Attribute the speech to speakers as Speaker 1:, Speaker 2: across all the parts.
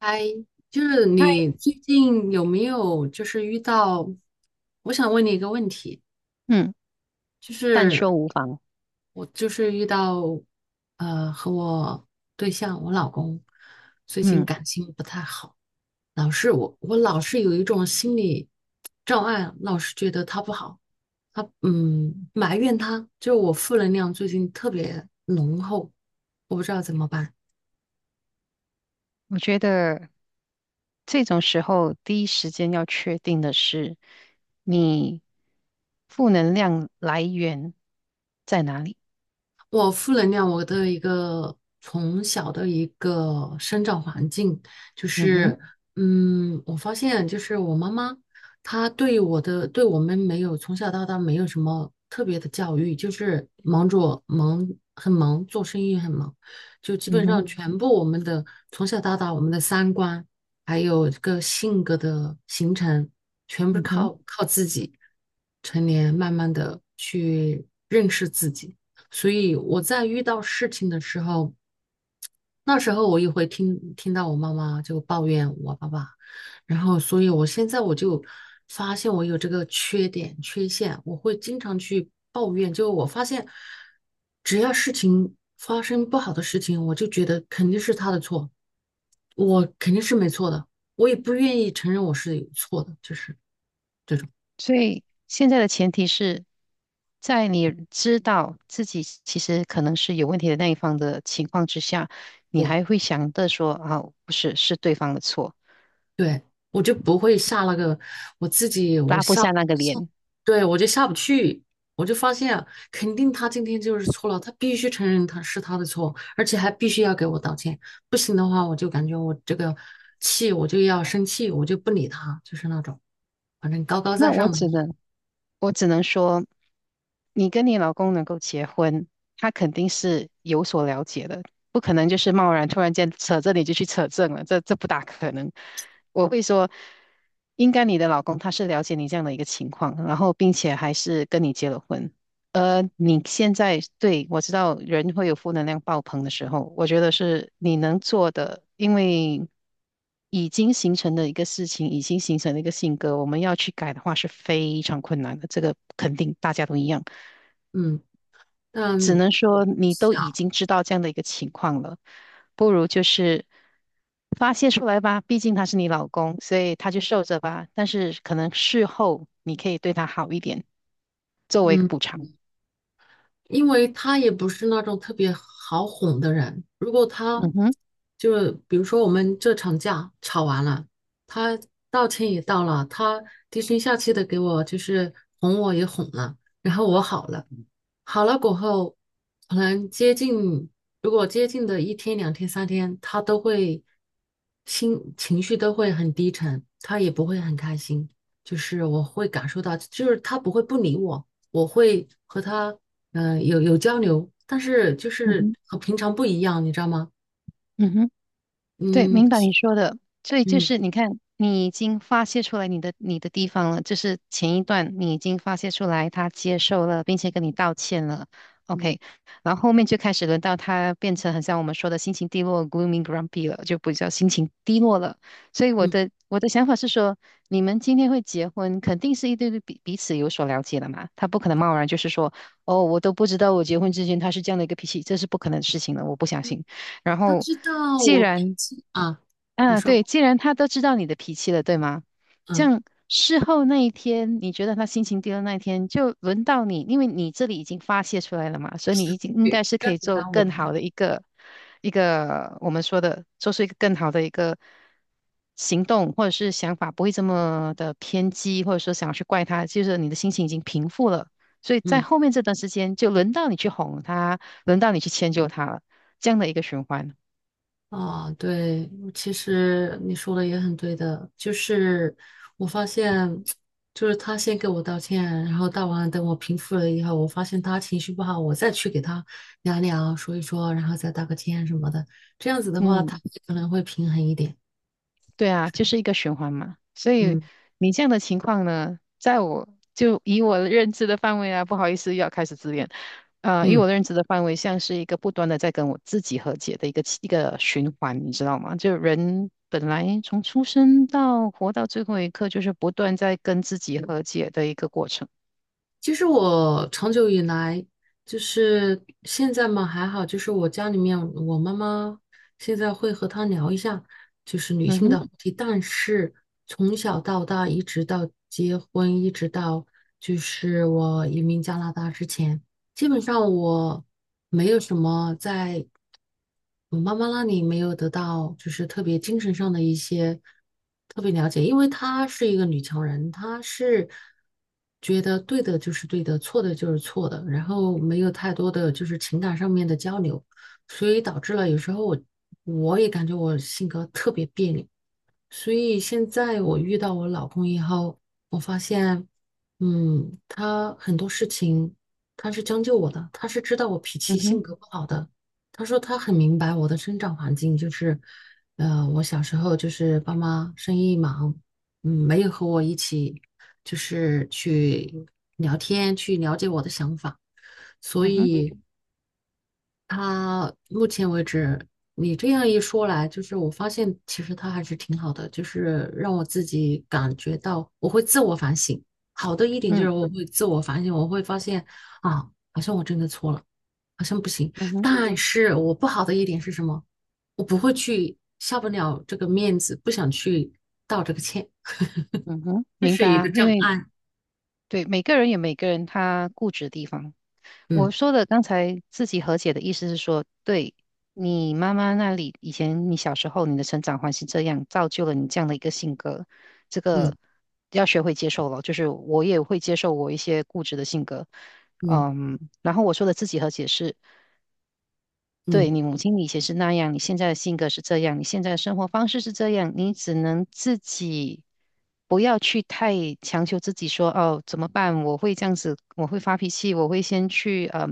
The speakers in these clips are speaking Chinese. Speaker 1: 嗨，就是
Speaker 2: 嗨，
Speaker 1: 你最近有没有就是遇到？我想问你一个问题，
Speaker 2: 嗯，
Speaker 1: 就
Speaker 2: 但
Speaker 1: 是
Speaker 2: 说无妨。
Speaker 1: 我就是遇到和我对象，我老公最近
Speaker 2: 嗯，
Speaker 1: 感情不太好，老是我老是有一种心理障碍，老是觉得他不好，他埋怨他，就我负能量最近特别浓厚，我不知道怎么办。
Speaker 2: 我觉得这种时候第一时间要确定的是你负能量来源在哪里。
Speaker 1: 我负能量，我的一个从小的一个生长环境，就
Speaker 2: 嗯哼，
Speaker 1: 是，我发现就是我妈妈，她对我的，对我们没有从小到大没有什么特别的教育，就是忙着忙，很忙，做生意很忙，就基
Speaker 2: 嗯
Speaker 1: 本上
Speaker 2: 哼，
Speaker 1: 全部我们的从小到大我们的三观，还有这个性格的形成，全部
Speaker 2: 嗯哼。
Speaker 1: 靠自己，成年慢慢的去认识自己。所以我在遇到事情的时候，那时候我也会听到我妈妈就抱怨我爸爸，然后所以我现在我就发现我有这个缺点缺陷，我会经常去抱怨。就我发现，只要事情发生不好的事情，我就觉得肯定是他的错，我肯定是没错的，我也不愿意承认我是有错的，就是这种。
Speaker 2: 所以现在的前提是在你知道自己其实可能是有问题的那一方的情况之下，你
Speaker 1: 对。
Speaker 2: 还会想着说啊，不是，是对方的错，
Speaker 1: 对，我就不会下那个，我自己我
Speaker 2: 拉不
Speaker 1: 下
Speaker 2: 下那个
Speaker 1: 下，
Speaker 2: 脸。
Speaker 1: 对，我就下不去，我就发现肯定他今天就是错了，他必须承认他是他的错，而且还必须要给我道歉，不行的话我就感觉我这个气我就要生气，我就不理他，就是那种反正高高在
Speaker 2: 那我
Speaker 1: 上的那
Speaker 2: 只
Speaker 1: 种，
Speaker 2: 能，我只能说。你跟你老公能够结婚，他肯定是有所了解的，不可能就是贸然突然间扯这你就去扯证了，这不大可能。我会说，应该你的老公他是了解你这样的一个情况，然后并且还是跟你结了婚。你现在对我知道人会有负能量爆棚的时候，我觉得是你能做的，因为已经形成的一个事情，已经形成的一个性格，我们要去改的话是非常困难的，这个肯定大家都一样。
Speaker 1: 嗯，
Speaker 2: 只
Speaker 1: 但
Speaker 2: 能
Speaker 1: 我
Speaker 2: 说你都已经知道这样的一个情况了，不如就是发泄出来吧，毕竟他是你老公，所以他就受着吧。但是可能事后你可以对他好一点，作为一个
Speaker 1: 嗯
Speaker 2: 补偿。
Speaker 1: 因为他也不是那种特别好哄的人。如果他
Speaker 2: 嗯哼，
Speaker 1: 就比如说我们这场架吵完了，他道歉也道了，他低声下气的给我就是哄我也哄了，然后我好了，好了过后，可能接近如果接近的1天、2天、3天，他都会心情绪都会很低沉，他也不会很开心，就是我会感受到，就是他不会不理我。我会和他有交流，但是就
Speaker 2: 嗯
Speaker 1: 是
Speaker 2: 哼，
Speaker 1: 和平常不一样，你知道吗？
Speaker 2: 嗯哼。对，
Speaker 1: 嗯
Speaker 2: 明白你说的。所以就
Speaker 1: 嗯。
Speaker 2: 是你看，你已经发泄出来你的地方了，就是前一段你已经发泄出来，他接受了，并且跟你道歉了
Speaker 1: 嗯
Speaker 2: ，OK。然后后面就开始轮到他变成很像我们说的心情低落（ （gloomy grumpy） 了，就比较心情低落了。所以我
Speaker 1: 嗯。
Speaker 2: 的我的想法是说，你们今天会结婚，肯定是一对对彼此有所了解的嘛，他不可能贸然就是说，哦，我都不知道我结婚之前他是这样的一个脾气，这是不可能的事情了，我不相信。然
Speaker 1: 他
Speaker 2: 后，
Speaker 1: 知道
Speaker 2: 既
Speaker 1: 我脾
Speaker 2: 然
Speaker 1: 气啊。你
Speaker 2: 啊，
Speaker 1: 说。
Speaker 2: 对，既然他都知道你的脾气了，对吗？这
Speaker 1: 嗯，
Speaker 2: 样事后那一天，你觉得他心情低的那一天，就轮到你，因为你这里已经发泄出来了嘛，所以你已经应该
Speaker 1: 对
Speaker 2: 是可
Speaker 1: 该
Speaker 2: 以
Speaker 1: 怎么
Speaker 2: 做
Speaker 1: 当我
Speaker 2: 更
Speaker 1: 来？
Speaker 2: 好的一个我们说的，做出一个更好的一个行动或者是想法，不会这么的偏激，或者说想要去怪他，就是你的心情已经平复了，所以在
Speaker 1: 嗯。
Speaker 2: 后面这段时间，就轮到你去哄他，轮到你去迁就他了，这样的一个循环。
Speaker 1: 啊，对，其实你说的也很对的，就是我发现，就是他先给我道歉，然后道完了等我平复了以后，我发现他情绪不好，我再去给他聊聊，说一说，然后再道个歉什么的，这样子的话，他
Speaker 2: 嗯。
Speaker 1: 可能会平衡一点。
Speaker 2: 对啊，就是一个循环嘛。所以
Speaker 1: 嗯
Speaker 2: 你这样的情况呢，在我就以我的认知的范围啊，不好意思，又要开始自恋。以
Speaker 1: 嗯。
Speaker 2: 我的认知的范围，像是一个不断的在跟我自己和解的一个循环，你知道吗？就人本来从出生到活到最后一刻，就是不断在跟自己和解的一个过程。
Speaker 1: 其实我长久以来就是现在嘛还好，就是我家里面我妈妈现在会和她聊一下，就是女
Speaker 2: 嗯
Speaker 1: 性的
Speaker 2: 哼，
Speaker 1: 话题。但是从小到大，一直到结婚，一直到就是我移民加拿大之前，基本上我没有什么在。我妈妈那里没有得到就是特别精神上的一些特别了解，因为她是一个女强人，她是觉得对的就是对的，错的就是错的，然后没有太多的就是情感上面的交流，所以导致了有时候我也感觉我性格特别别扭。所以现在我遇到我老公以后，我发现，嗯，他很多事情他是将就我的，他是知道我脾气
Speaker 2: 嗯哼，
Speaker 1: 性格不好的。他说他很明白我的生长环境，就是，我小时候就是爸妈生意忙，嗯，没有和我一起就是去聊天，去了解我的想法，所
Speaker 2: 嗯哼，
Speaker 1: 以，他目前为止，你这样一说来，就是我发现其实他还是挺好的，就是让我自己感觉到我会自我反省。好的一点就
Speaker 2: 嗯，
Speaker 1: 是我会自我反省，我会发现啊，好像我真的错了，好像不行。
Speaker 2: 嗯哼，
Speaker 1: 但是我不好的一点是什么？我不会去下不了这个面子，不想去道这个歉，
Speaker 2: 嗯哼，
Speaker 1: 这
Speaker 2: 明
Speaker 1: 是
Speaker 2: 白
Speaker 1: 一
Speaker 2: 啊。
Speaker 1: 个
Speaker 2: 因
Speaker 1: 障
Speaker 2: 为
Speaker 1: 碍。
Speaker 2: 对每个人有每个人他固执的地方。我
Speaker 1: 嗯
Speaker 2: 说的刚才自己和解的意思是说，对你妈妈那里，以前你小时候你的成长环境这样，造就了你这样的一个性格，这
Speaker 1: 嗯
Speaker 2: 个要学会接受了。就是我也会接受我一些固执的性格，
Speaker 1: 嗯
Speaker 2: 嗯，然后我说的自己和解是。对
Speaker 1: 嗯
Speaker 2: 你母亲以前是那样，你现在的性格是这样，你现在的生活方式是这样，你只能自己不要去太强求自己说哦怎么办？我会这样子，我会发脾气，我会先去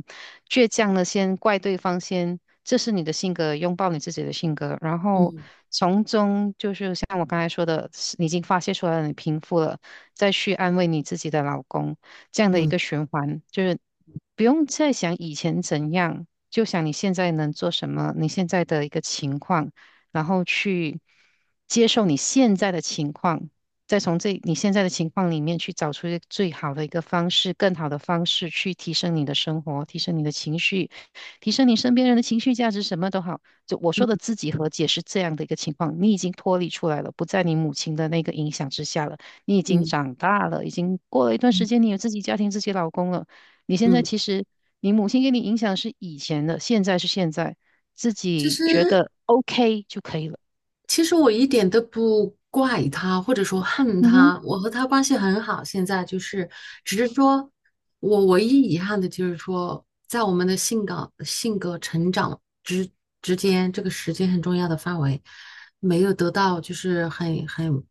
Speaker 2: 倔强的先怪对方先，这是你的性格，拥抱你自己的性格，然后从中就是像我刚才说的，你已经发泄出来了，你平复了，再去安慰你自己的老公，这样的一
Speaker 1: 嗯
Speaker 2: 个循环，就是不用再想以前怎样。就想你现在能做什么，你现在的一个情况，然后去接受你现在的情况，再从这你现在的情况里面去找出一个最好的一个方式，更好的方式去提升你的生活，提升你的情绪，提升你身边人的情绪价值，什么都好。就我说的
Speaker 1: 嗯
Speaker 2: 自己和解是这样的一个情况，你已经脱离出来了，不在你母亲的那个影响之下了，你已经
Speaker 1: 嗯
Speaker 2: 长大了，已经过了一段
Speaker 1: 嗯
Speaker 2: 时间，你有自己家庭、自己老公了。你现在
Speaker 1: 嗯。
Speaker 2: 其实，你母亲给你影响是以前的，现在是现在，自
Speaker 1: 其
Speaker 2: 己觉
Speaker 1: 实。
Speaker 2: 得 OK 就可以了。
Speaker 1: 其实我一点都不怪他，或者说恨
Speaker 2: 嗯哼，
Speaker 1: 他，我和他关系很好。现在就是，只是说我唯一遗憾的就是说，在我们的性格、性格成长之间，这个时间很重要的范围，没有得到就是很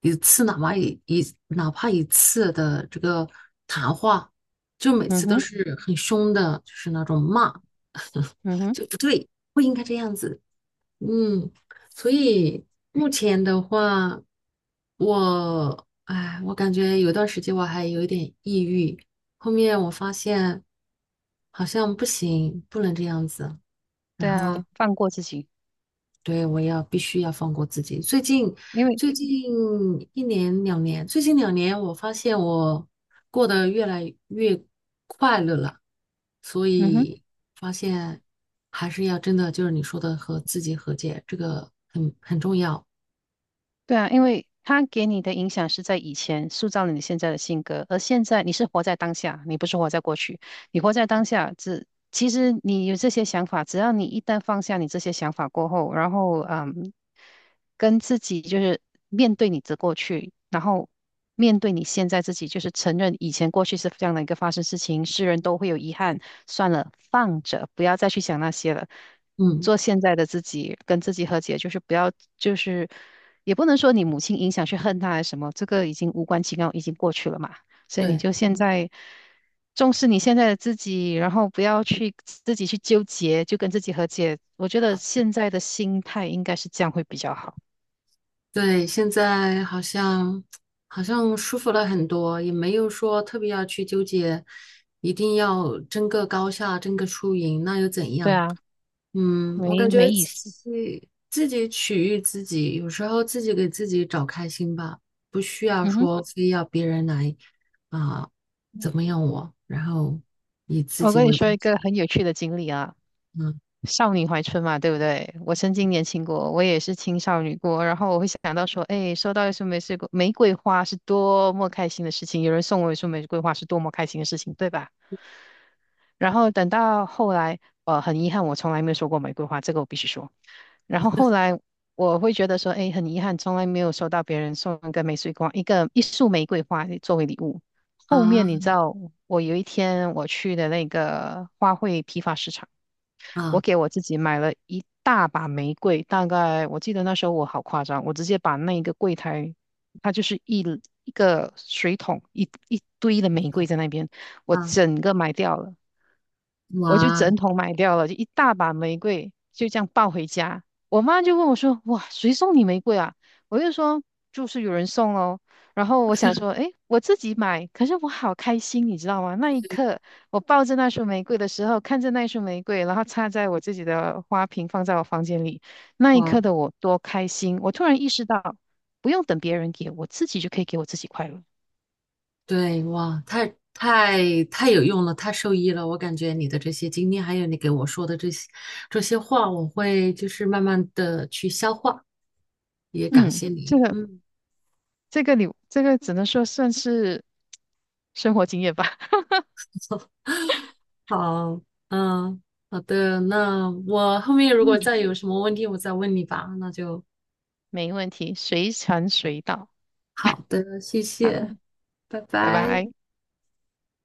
Speaker 1: 一次，哪怕一次的这个谈话，就每
Speaker 2: 嗯
Speaker 1: 次都
Speaker 2: 哼，
Speaker 1: 是很凶的，就是那种骂，
Speaker 2: 嗯哼，
Speaker 1: 就不对，不应该这样子。嗯，所以目前的话，我，哎，我感觉有段时间我还有一点抑郁，后面我发现好像不行，不能这样子，
Speaker 2: 对
Speaker 1: 然后
Speaker 2: 啊，放过自己，
Speaker 1: 对，我要必须要放过自己。最近
Speaker 2: 因为，
Speaker 1: 最近一年两年，最近两年我发现我过得越来越快乐了，所
Speaker 2: 嗯哼，
Speaker 1: 以发现还是要真的就是你说的和自己和解，这个很重要。
Speaker 2: 对啊，因为他给你的影响是在以前塑造了你现在的性格，而现在你是活在当下，你不是活在过去。你活在当下，只其实你有这些想法，只要你一旦放下你这些想法过后，然后嗯，跟自己就是面对你的过去，然后面对你现在自己，就是承认以前过去是这样的一个发生事情，世人都会有遗憾，算了，放着，不要再去想那些了。
Speaker 1: 嗯，
Speaker 2: 做现在的自己，跟自己和解，就是不要，就是也不能说你母亲影响去恨他还是什么，这个已经无关紧要，已经过去了嘛。所以你
Speaker 1: 对，
Speaker 2: 就现在重视你现在的自己，然后不要去自己去纠结，就跟自己和解。我觉得
Speaker 1: 好，
Speaker 2: 现在的心态应该是这样会比较好。
Speaker 1: 对，现在好像舒服了很多，也没有说特别要去纠结，一定要争个高下，争个输赢，那又怎
Speaker 2: 对
Speaker 1: 样？
Speaker 2: 啊，
Speaker 1: 嗯，我
Speaker 2: 没
Speaker 1: 感觉
Speaker 2: 没
Speaker 1: 对
Speaker 2: 意思。
Speaker 1: 自己取悦自己，有时候自己给自己找开心吧，不需要
Speaker 2: 嗯哼，
Speaker 1: 说非要别人来啊、怎么样我，然后以自
Speaker 2: 我
Speaker 1: 己
Speaker 2: 跟你
Speaker 1: 为
Speaker 2: 说
Speaker 1: 中
Speaker 2: 一
Speaker 1: 心。
Speaker 2: 个很有趣的经历啊，
Speaker 1: 嗯。
Speaker 2: 少女怀春嘛，对不对？我曾经年轻过，我也是青少女过，然后我会想到说，哎，收到一束玫瑰花是多么开心的事情，有人送我一束玫瑰花是多么开心的事情，对吧？然后等到后来，很遗憾，我从来没有说过玫瑰花，这个我必须说。然后后来我会觉得说，哎，很遗憾，从来没有收到别人送一个玫瑰花，一束玫瑰花作为礼物。后面你
Speaker 1: 啊
Speaker 2: 知道，我有一天我去的那个花卉批发市场，我
Speaker 1: 啊
Speaker 2: 给我自己买了一大把玫瑰，大概我记得那时候我好夸张，我直接把那个柜台，它就是一个水桶，一堆的玫瑰在那边，我
Speaker 1: 啊！
Speaker 2: 整个买掉了。我就
Speaker 1: 哇。
Speaker 2: 整桶买掉了，就一大把玫瑰，就这样抱回家。我妈就问我说："哇，谁送你玫瑰啊？"我就说："就是有人送咯。"然后我想说："诶，我自己买，可是我好开心，你知道吗？那一刻，我抱着那束玫瑰的时候，看着那束玫瑰，然后插在我自己的花瓶，放在我房间里，那一
Speaker 1: 哇，
Speaker 2: 刻的我多开心！我突然意识到，不用等别人给我，自己就可以给我自己快乐。
Speaker 1: 对哇，太有用了，太受益了。我感觉你的这些经历，还有你给我说的这些话，我会就是慢慢的去消化。也感
Speaker 2: 嗯，
Speaker 1: 谢
Speaker 2: 这
Speaker 1: 你，
Speaker 2: 个
Speaker 1: 嗯。
Speaker 2: 你这个只能说算是生活经验吧。
Speaker 1: 好，嗯，好的，那我后面如果
Speaker 2: 嗯，
Speaker 1: 再有什么问题，我再问你吧。那就
Speaker 2: 没问题，随传随到。
Speaker 1: 好的，谢谢，
Speaker 2: 好，
Speaker 1: 拜
Speaker 2: 拜
Speaker 1: 拜。
Speaker 2: 拜。